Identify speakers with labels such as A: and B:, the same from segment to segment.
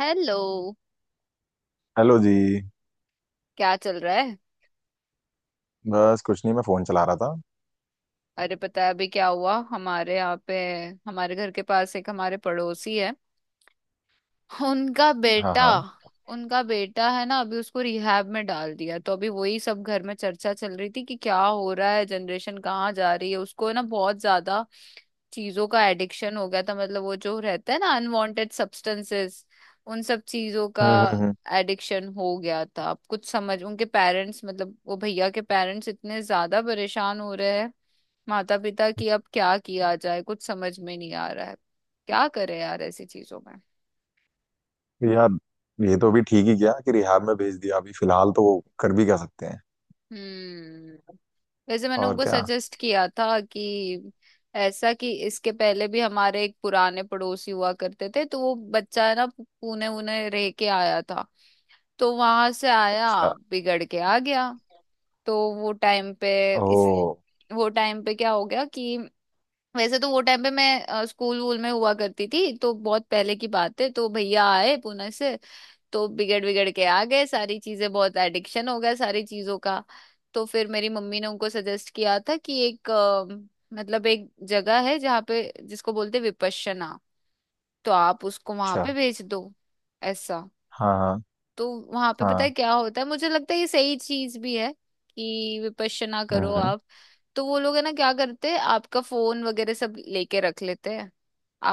A: Hello.
B: Hello जी।
A: क्या चल रहा है?
B: बस कुछ नहीं, मैं फोन चला रहा था।
A: अरे पता है अभी क्या हुआ हमारे यहाँ पे। हमारे घर के पास एक हमारे पड़ोसी है, उनका
B: हाँ
A: बेटा।
B: हाँ।
A: उनका बेटा है ना, अभी उसको रिहैब में डाल दिया। तो अभी वही सब घर में चर्चा चल रही थी कि क्या हो रहा है, जनरेशन कहाँ जा रही है। उसको ना बहुत ज्यादा चीजों का एडिक्शन हो गया था, मतलब वो जो रहता है ना, अनवांटेड सब्सटेंसेस, उन सब चीजों का
B: हम्म हम्म हम्म।
A: एडिक्शन हो गया था। अब कुछ समझ उनके पेरेंट्स, मतलब वो भैया के पेरेंट्स इतने ज्यादा परेशान हो रहे हैं, माता पिता, कि अब क्या किया जाए कुछ समझ में नहीं आ रहा है। क्या करे यार ऐसी चीजों में।
B: तो यार ये तो अभी ठीक ही किया कि रिहाब में भेज दिया, अभी फिलहाल तो वो कर भी क्या सकते हैं?
A: हम्म। वैसे मैंने
B: और
A: उनको
B: क्या।
A: सजेस्ट किया था कि ऐसा कि इसके पहले भी हमारे एक पुराने पड़ोसी हुआ करते थे, तो वो बच्चा है ना, पुणे उन्हें रह के आया था। तो वहां से आया,
B: अच्छा।
A: बिगड़ के आ गया। तो वो टाइम पे इस
B: ओ।
A: वो टाइम पे क्या हो गया कि, वैसे तो वो टाइम पे मैं स्कूल वूल में हुआ करती थी, तो बहुत पहले की बात है। तो भैया आए पुणे से, तो बिगड़ बिगड़ के आ गए, सारी चीजें, बहुत एडिक्शन हो गया सारी चीजों का। तो फिर मेरी मम्मी ने उनको सजेस्ट किया था कि एक मतलब एक जगह है जहाँ पे, जिसको बोलते हैं विपश्यना, तो आप उसको वहां
B: अच्छा।
A: पे भेज दो, ऐसा।
B: हाँ हाँ।
A: तो वहां पे पता है
B: हाँ।
A: क्या होता है, मुझे लगता है ये सही चीज भी है, कि विपश्यना
B: हम्म
A: करो
B: हम्म,
A: आप। तो वो लोग है ना, क्या करते हैं, आपका फोन वगैरह सब लेके रख लेते हैं।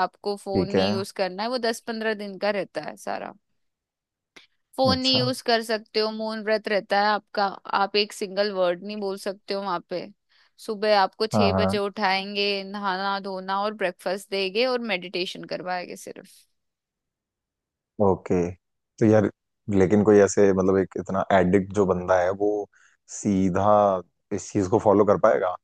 A: आपको फोन
B: ठीक है।
A: नहीं यूज करना है, वो 10-15 दिन का रहता है सारा। फोन नहीं
B: अच्छा।
A: यूज कर सकते हो, मौन व्रत रहता है आपका। आप एक सिंगल वर्ड नहीं बोल सकते हो वहां पे। सुबह आपको
B: हाँ
A: 6 बजे
B: हाँ।
A: उठाएंगे, नहाना धोना और ब्रेकफास्ट देंगे और मेडिटेशन करवाएंगे सिर्फ।
B: ओके। तो यार लेकिन कोई ऐसे मतलब एक इतना एडिक्ट जो बंदा है वो सीधा इस चीज को फॉलो कर पाएगा?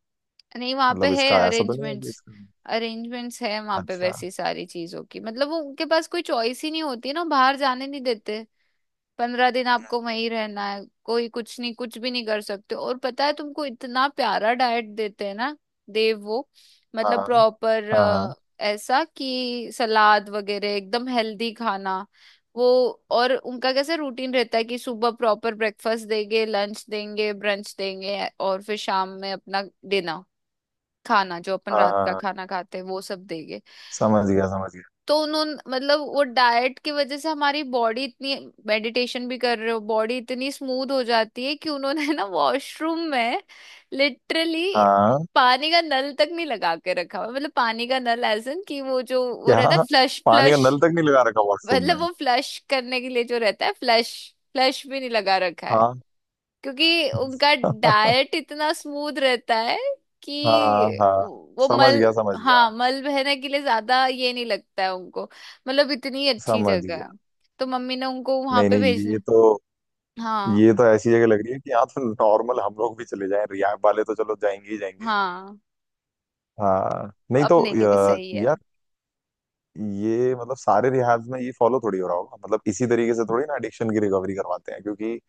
A: नहीं वहां पे
B: मतलब
A: है
B: इसका ऐसा तो नहीं है कि
A: अरेंजमेंट्स,
B: इसका।
A: अरेंजमेंट्स है वहां पे
B: अच्छा।
A: वैसी सारी चीजों की, मतलब वो उनके पास कोई चॉइस ही नहीं होती है ना, बाहर जाने नहीं देते। 15 दिन आपको वहीं रहना है, कोई कुछ नहीं, कुछ भी नहीं कर सकते। और पता है तुमको इतना प्यारा डाइट देते हैं ना। देव वो मतलब
B: हाँ
A: प्रॉपर,
B: हाँ हाँ
A: ऐसा कि सलाद वगैरह, एकदम हेल्दी खाना वो। और उनका कैसे रूटीन रहता है कि सुबह प्रॉपर ब्रेकफास्ट देंगे, लंच देंगे, ब्रंच देंगे, और फिर शाम में अपना डिनर, खाना जो अपन
B: हाँ।
A: रात
B: हाँ,
A: का
B: हाँ,
A: खाना खाते हैं वो सब देंगे।
B: समझ गया समझ गया।
A: तो उन्होंने, मतलब वो डाइट की वजह से हमारी बॉडी इतनी, मेडिटेशन भी कर रहे हो, बॉडी इतनी स्मूथ हो जाती है कि उन्होंने ना वॉशरूम में लिटरली
B: हाँ।
A: पानी का नल तक नहीं लगा के रखा हुआ, मतलब पानी का नल एज इन कि वो जो वो
B: क्या?
A: रहता है फ्लश।
B: पानी का
A: फ्लश,
B: नल तक नहीं लगा रखा वॉशरूम
A: मतलब
B: में?
A: वो फ्लश करने के लिए जो रहता है फ्लश, फ्लश भी नहीं लगा रखा है,
B: हाँ।
A: क्योंकि उनका डाइट इतना स्मूथ रहता है कि
B: हाँ हाँ।
A: वो
B: समझ
A: मल,
B: गया समझ गया।
A: हाँ मल बहने के लिए ज्यादा ये नहीं लगता है उनको, मतलब इतनी अच्छी
B: समझ
A: जगह है।
B: गया।
A: तो मम्मी ने उनको वहां
B: नहीं
A: पे
B: नहीं,
A: भेजना
B: ये
A: है।
B: तो
A: हाँ
B: ये तो ऐसी जगह लग रही है कि यहाँ तो नॉर्मल हम लोग भी चले जाएं, रियाब वाले तो चलो जाएंगे ही जाएंगे।
A: हाँ।
B: हाँ नहीं तो
A: अपने लिए भी सही है।
B: यार ये मतलब सारे रिहैब्स में ये फॉलो थोड़ी हो रहा होगा, मतलब इसी तरीके से थोड़ी ना एडिक्शन की रिकवरी करवाते हैं क्योंकि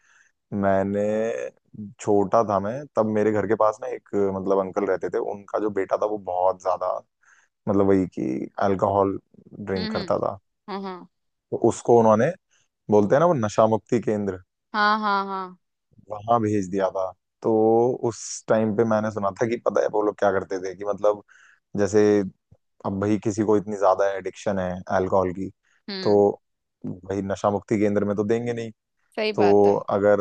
B: मैंने छोटा था मैं तब मेरे घर के पास ना एक मतलब अंकल रहते थे, उनका जो बेटा था वो बहुत ज्यादा मतलब वही कि अल्कोहल
A: हम्म,
B: ड्रिंक
A: हम्म।
B: करता था।
A: हाँ हाँ
B: तो उसको उन्होंने, बोलते हैं ना वो नशा मुक्ति केंद्र,
A: हाँ, हाँ हाँ।
B: वहां भेज दिया था। तो उस टाइम पे मैंने सुना था कि पता है वो लोग क्या करते थे कि मतलब जैसे अब भाई किसी को इतनी ज्यादा एडिक्शन है अल्कोहल की तो
A: हम्म।
B: भाई नशा मुक्ति केंद्र में तो देंगे नहीं।
A: सही
B: तो
A: बात है।
B: अगर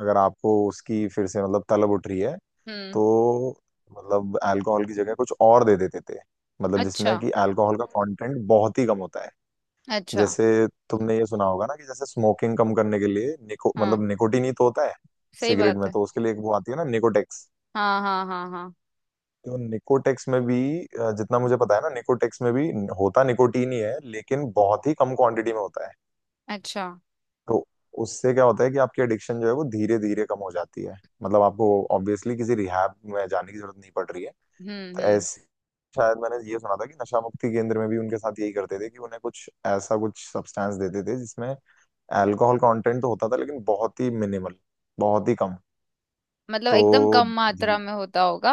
B: अगर आपको उसकी फिर से मतलब तलब उठ रही है,
A: हम्म।
B: तो मतलब अल्कोहल की जगह कुछ और दे देते थे, मतलब
A: अच्छा,
B: जिसमें कि अल्कोहल का कंटेंट बहुत ही कम होता है।
A: अच्छा।
B: जैसे तुमने ये सुना होगा ना कि जैसे स्मोकिंग कम करने के लिए निको
A: हाँ,
B: मतलब निकोटीन ही तो होता है
A: सही
B: सिगरेट
A: बात
B: में।
A: है।
B: तो उसके लिए एक वो आती है ना निकोटेक्स।
A: हाँ हाँ हाँ हाँ।
B: तो निकोटेक्स में भी जितना मुझे पता है ना, निकोटेक्स में भी होता निकोटीन ही है लेकिन बहुत ही कम क्वांटिटी में होता है।
A: अच्छा।
B: तो उससे क्या होता है कि आपकी एडिक्शन जो है वो धीरे धीरे कम हो जाती है, मतलब आपको ऑब्वियसली किसी रिहैब में जाने की जरूरत नहीं पड़ रही है
A: हम्म, हम्म।
B: ऐसे। शायद मैंने ये सुना था कि नशा मुक्ति केंद्र में भी उनके साथ यही करते थे कि उन्हें कुछ ऐसा कुछ सब्सटेंस देते थे जिसमें अल्कोहल कंटेंट तो होता था लेकिन बहुत ही मिनिमल, बहुत ही कम।
A: मतलब एकदम
B: तो
A: कम मात्रा
B: धी-
A: में होता होगा।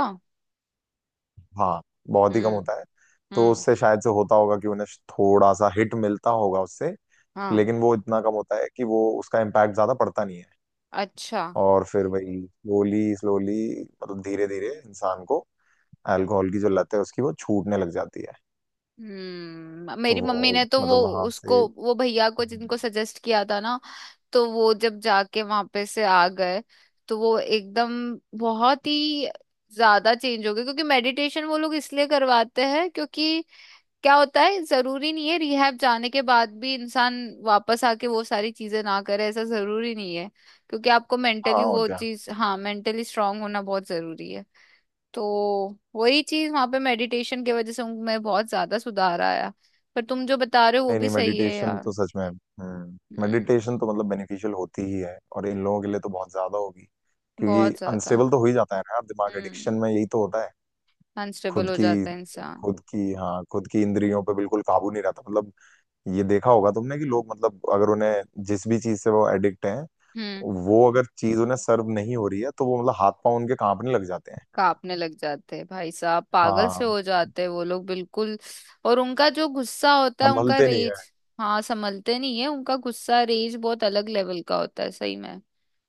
B: हाँ बहुत ही कम
A: हम्म,
B: होता है। तो
A: हम्म।
B: उससे शायद से होता होगा कि उन्हें थोड़ा सा हिट मिलता होगा उससे,
A: हाँ।
B: लेकिन वो इतना कम होता है कि वो उसका इम्पैक्ट ज्यादा पड़ता नहीं है।
A: अच्छा।
B: और फिर वही स्लोली स्लोली, मतलब धीरे धीरे इंसान को अल्कोहल की जो लत है उसकी वो छूटने लग जाती है।
A: हम्म।
B: तो
A: मेरी मम्मी
B: वो
A: ने तो वो,
B: मतलब वहां से।
A: उसको, वो भैया को जिनको सजेस्ट किया था ना, तो वो जब जाके वहां पे से आ गए, तो वो एकदम बहुत ही ज्यादा चेंज हो गए, क्योंकि मेडिटेशन वो लोग इसलिए करवाते हैं, क्योंकि क्या होता है, जरूरी नहीं है रिहैब जाने के बाद भी इंसान वापस आके वो सारी चीजें ना करे, ऐसा जरूरी नहीं है। क्योंकि आपको मेंटली
B: हाँ और
A: वो
B: क्या।
A: चीज, हाँ, मेंटली स्ट्रांग होना बहुत जरूरी है। तो वही चीज वहां पे मेडिटेशन की वजह से उनमें बहुत ज्यादा सुधार आया। पर तुम जो बता रहे हो वो
B: नहीं
A: भी
B: नहीं,
A: सही है
B: मेडिटेशन
A: यार।
B: तो सच में,
A: हम्म।
B: मेडिटेशन तो मतलब बेनिफिशियल होती ही है, और इन लोगों के लिए तो बहुत ज्यादा होगी क्योंकि
A: बहुत ज्यादा।
B: अनस्टेबल तो हो ही जाता है ना यार, दिमाग एडिक्शन
A: हम्म।
B: में यही तो होता है।
A: अनस्टेबल
B: खुद
A: हो
B: की
A: जाता है इंसान।
B: खुद की हाँ, खुद की इंद्रियों पे बिल्कुल काबू नहीं रहता, मतलब ये देखा होगा तुमने कि लोग, मतलब अगर उन्हें जिस भी चीज से वो एडिक्ट हैं,
A: हम्म।
B: वो अगर चीज उन्हें सर्व नहीं हो रही है तो वो मतलब हाथ पांव उनके कांपने लग जाते हैं।
A: कांपने लग जाते हैं, भाई साहब पागल से
B: हाँ,
A: हो जाते हैं वो लोग बिल्कुल। और उनका जो गुस्सा होता है, उनका
B: संभलते नहीं है।
A: रेज, हाँ संभलते नहीं है, उनका गुस्सा, रेज बहुत अलग लेवल का होता है सही में।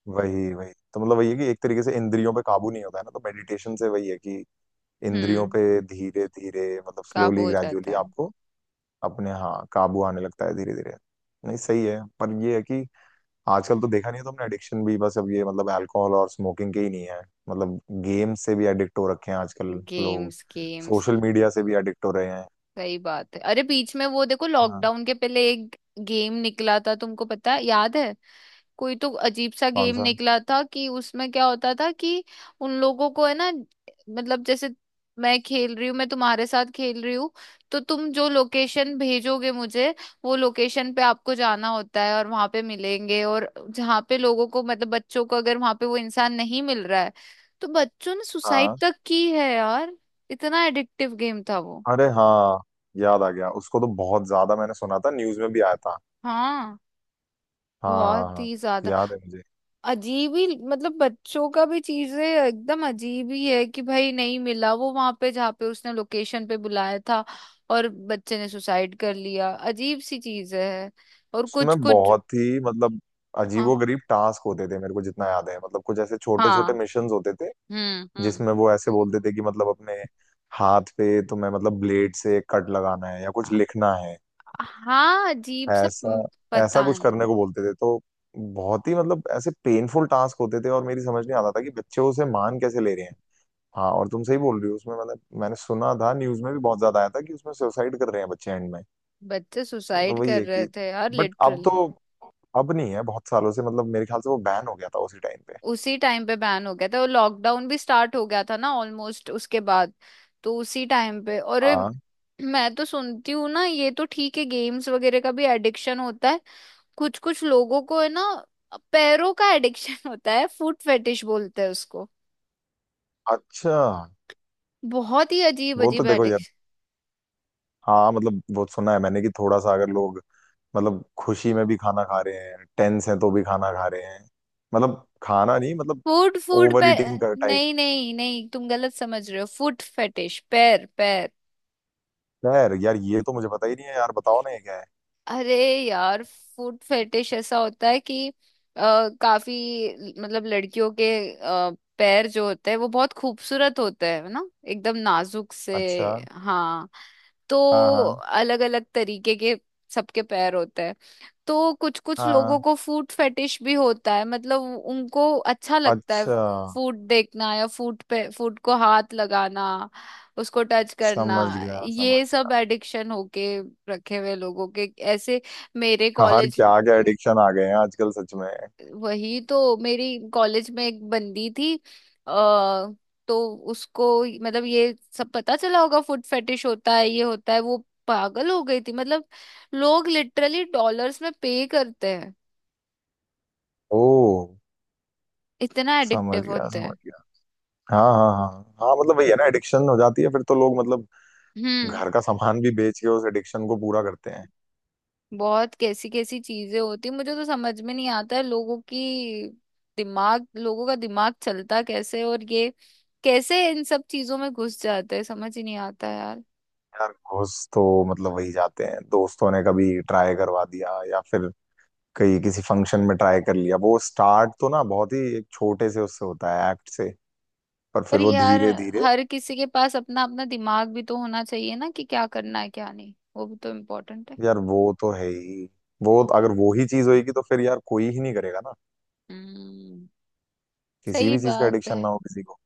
B: वही वही तो मतलब वही है कि एक तरीके से इंद्रियों पे काबू नहीं होता है ना, तो मेडिटेशन से वही है कि इंद्रियों
A: हम्म।
B: पे धीरे धीरे, मतलब
A: काबू
B: स्लोली
A: हो
B: ग्रेजुअली
A: जाता है।
B: आपको अपने, हाँ काबू आने लगता है धीरे धीरे। नहीं सही है, पर ये है कि आजकल तो देखा नहीं है तुमने, एडिक्शन भी बस अब ये मतलब अल्कोहल और स्मोकिंग के ही नहीं है, मतलब गेम से भी एडिक्ट हो रखे हैं आजकल लोग,
A: गेम्स, गेम्स।
B: सोशल मीडिया से भी एडिक्ट हो रहे हैं।
A: सही बात है। अरे बीच में वो देखो,
B: हाँ।
A: लॉकडाउन के पहले एक गेम निकला था तुमको पता है, याद है? कोई तो अजीब सा
B: कौन
A: गेम
B: सा?
A: निकला था कि उसमें क्या होता था कि, उन लोगों को है ना, मतलब जैसे मैं खेल रही हूँ, मैं तुम्हारे साथ खेल रही हूँ, तो तुम जो लोकेशन भेजोगे मुझे, वो लोकेशन पे आपको जाना होता है और वहां पे मिलेंगे, और जहाँ पे लोगों को, मतलब बच्चों को, अगर वहां पे वो इंसान नहीं मिल रहा है तो बच्चों ने सुसाइड
B: हाँ,
A: तक की है यार। इतना एडिक्टिव गेम था वो।
B: अरे हाँ, याद आ गया, उसको तो बहुत ज्यादा मैंने सुना था, न्यूज में भी आया था।
A: हाँ।
B: हाँ हाँ
A: बहुत
B: हाँ,
A: ही ज्यादा।
B: याद है मुझे।
A: अजीब ही, मतलब बच्चों का भी, चीजें एकदम अजीब ही है कि भाई नहीं मिला वो वहां पे जहाँ पे उसने लोकेशन पे बुलाया था, और बच्चे ने सुसाइड कर लिया, अजीब सी चीज है। और कुछ
B: उसमें
A: कुछ,
B: बहुत ही मतलब
A: हाँ
B: अजीबोगरीब टास्क होते थे, मेरे को जितना याद है, मतलब कुछ ऐसे छोटे छोटे
A: हाँ,
B: मिशंस होते थे
A: हम्म,
B: जिसमें वो ऐसे बोलते थे कि मतलब अपने हाथ पे तुम्हें, मतलब ब्लेड से कट लगाना है या कुछ लिखना है।
A: हाँ, अजीब सा,
B: ऐसा ऐसा
A: पता
B: कुछ
A: नहीं।
B: करने को बोलते थे, तो बहुत ही मतलब ऐसे पेनफुल टास्क होते थे और मेरी समझ नहीं आता था कि बच्चे उसे मान कैसे ले रहे हैं। हाँ और तुम सही बोल रही हो, उसमें मतलब मैंने सुना था, न्यूज में भी बहुत ज्यादा आया था कि उसमें सुसाइड कर रहे हैं बच्चे एंड में।
A: बच्चे सुसाइड
B: वही
A: कर
B: है
A: रहे
B: कि
A: थे यार
B: बट
A: लिटरली।
B: अब नहीं है बहुत सालों से, मतलब मेरे ख्याल से वो बैन हो गया था उसी टाइम पे।
A: उसी टाइम पे बैन हो गया था, और लॉकडाउन भी स्टार्ट हो गया था ना ऑलमोस्ट उसके बाद, तो उसी टाइम पे। और
B: हाँ।
A: मैं तो सुनती हूँ ना, ये तो ठीक है, गेम्स वगैरह का भी एडिक्शन होता है, कुछ कुछ लोगों को है ना पैरों का एडिक्शन होता है, फूड फेटिश बोलते हैं उसको,
B: अच्छा।
A: बहुत ही अजीब
B: वो तो
A: अजीब
B: देखो यार,
A: एडिक्शन।
B: हाँ मतलब वो सुना है मैंने कि थोड़ा सा अगर लोग, मतलब खुशी में भी खाना खा रहे हैं, टेंस हैं तो भी खाना खा रहे हैं, मतलब खाना नहीं, मतलब
A: फूड, फूड पे।
B: ओवर ईटिंग का टाइप।
A: नहीं नहीं नहीं, तुम गलत समझ रहे हो, फूड फेटिश, पैर पैर।
B: खैर यार ये तो मुझे पता ही नहीं है, यार बताओ ना ये क्या है?
A: अरे यार, फूड फेटिश ऐसा होता है कि काफी, मतलब लड़कियों के अ, पैर जो होते हैं वो बहुत खूबसूरत होते हैं, है ना, एकदम नाजुक से।
B: अच्छा
A: हाँ। तो
B: हाँ हाँ
A: अलग अलग तरीके के सबके पैर होते हैं, तो कुछ कुछ
B: हाँ।
A: लोगों को फूड फेटिश भी होता है, मतलब उनको अच्छा लगता है
B: अच्छा।
A: फूड देखना, या फूड पे, फूड को हाथ लगाना, उसको टच करना।
B: समझ गया समझ
A: ये सब एडिक्शन होके रखे हुए लोगों के ऐसे। मेरे
B: गया। यार
A: कॉलेज
B: क्या क्या एडिक्शन आ गए हैं आजकल सच में।
A: वही तो, मेरी कॉलेज में एक बंदी थी, तो उसको, मतलब ये सब पता चला होगा, फुट फेटिश होता है, ये होता है वो, पागल हो गई थी, मतलब लोग लिटरली डॉलर्स में पे करते हैं,
B: ओ।
A: इतना
B: समझ
A: एडिक्टिव
B: गया
A: होते
B: समझ
A: हैं।
B: गया। हाँ हाँ हाँ हाँ, मतलब वही है ना, एडिक्शन हो जाती है फिर तो लोग मतलब
A: हम्म।
B: घर का सामान भी बेच के उस एडिक्शन को पूरा करते हैं।
A: बहुत कैसी कैसी चीजें होती, मुझे तो समझ में नहीं आता है लोगों की, दिमाग लोगों का दिमाग चलता कैसे, और ये कैसे इन सब चीजों में घुस जाते हैं, समझ ही नहीं आता यार।
B: यार घूस तो मतलब वही जाते हैं, दोस्तों ने कभी ट्राई करवा दिया या फिर कहीं किसी फंक्शन में ट्राई कर लिया, वो स्टार्ट तो ना बहुत ही एक छोटे से उससे होता है एक्ट से, पर फिर
A: पर
B: वो
A: यार,
B: धीरे धीरे।
A: हर किसी के पास अपना अपना दिमाग भी तो होना चाहिए ना कि क्या करना है क्या नहीं, वो भी तो इम्पोर्टेंट है।
B: यार वो तो है ही, वो अगर वो ही चीज होगी तो फिर यार कोई ही नहीं करेगा ना
A: हम्म।
B: किसी
A: सही
B: भी चीज का
A: बात
B: एडिक्शन
A: है।
B: ना हो किसी को।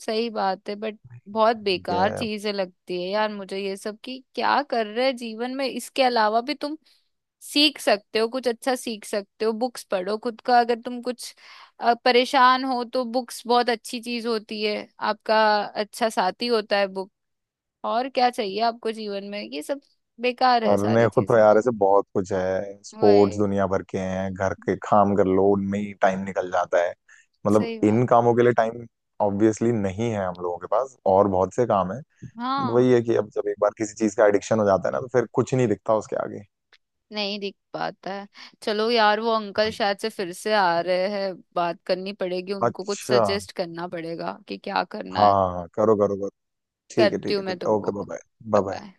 A: सही बात है, बट बहुत
B: ठीक
A: बेकार
B: है।
A: चीजें लगती है यार मुझे ये सब, कि क्या कर रहे हैं जीवन में, इसके अलावा भी तुम सीख सकते हो, कुछ अच्छा सीख सकते हो, बुक्स पढ़ो, खुद का अगर तुम कुछ परेशान हो तो बुक्स बहुत अच्छी चीज होती है, आपका अच्छा साथी होता है बुक। और क्या चाहिए आपको जीवन में, ये सब बेकार है
B: और ने
A: सारी
B: खुद तो
A: चीजें।
B: यार ऐसे बहुत कुछ है, स्पोर्ट्स
A: वही,
B: दुनिया भर के हैं, घर के काम कर लो उनमें ही टाइम निकल जाता है। मतलब
A: सही
B: इन
A: बात है।
B: कामों के लिए टाइम ऑब्वियसली नहीं है हम लोगों के पास, और बहुत से काम है।
A: हाँ,
B: वही है कि अब जब एक बार किसी चीज का एडिक्शन हो जाता है ना तो फिर कुछ नहीं दिखता उसके आगे।
A: नहीं दिख पाता है। चलो यार, वो अंकल
B: वही।
A: शायद से फिर से आ रहे हैं, बात करनी पड़ेगी, उनको कुछ
B: अच्छा हाँ।
A: सजेस्ट करना पड़ेगा कि क्या करना है।
B: हाँ, हाँ, करो करो करो। ठीक है
A: करती
B: ठीक
A: हूँ
B: है
A: मैं
B: ठीक है,
A: तुमको,
B: okay bye
A: bye
B: bye. Bye.
A: Bye.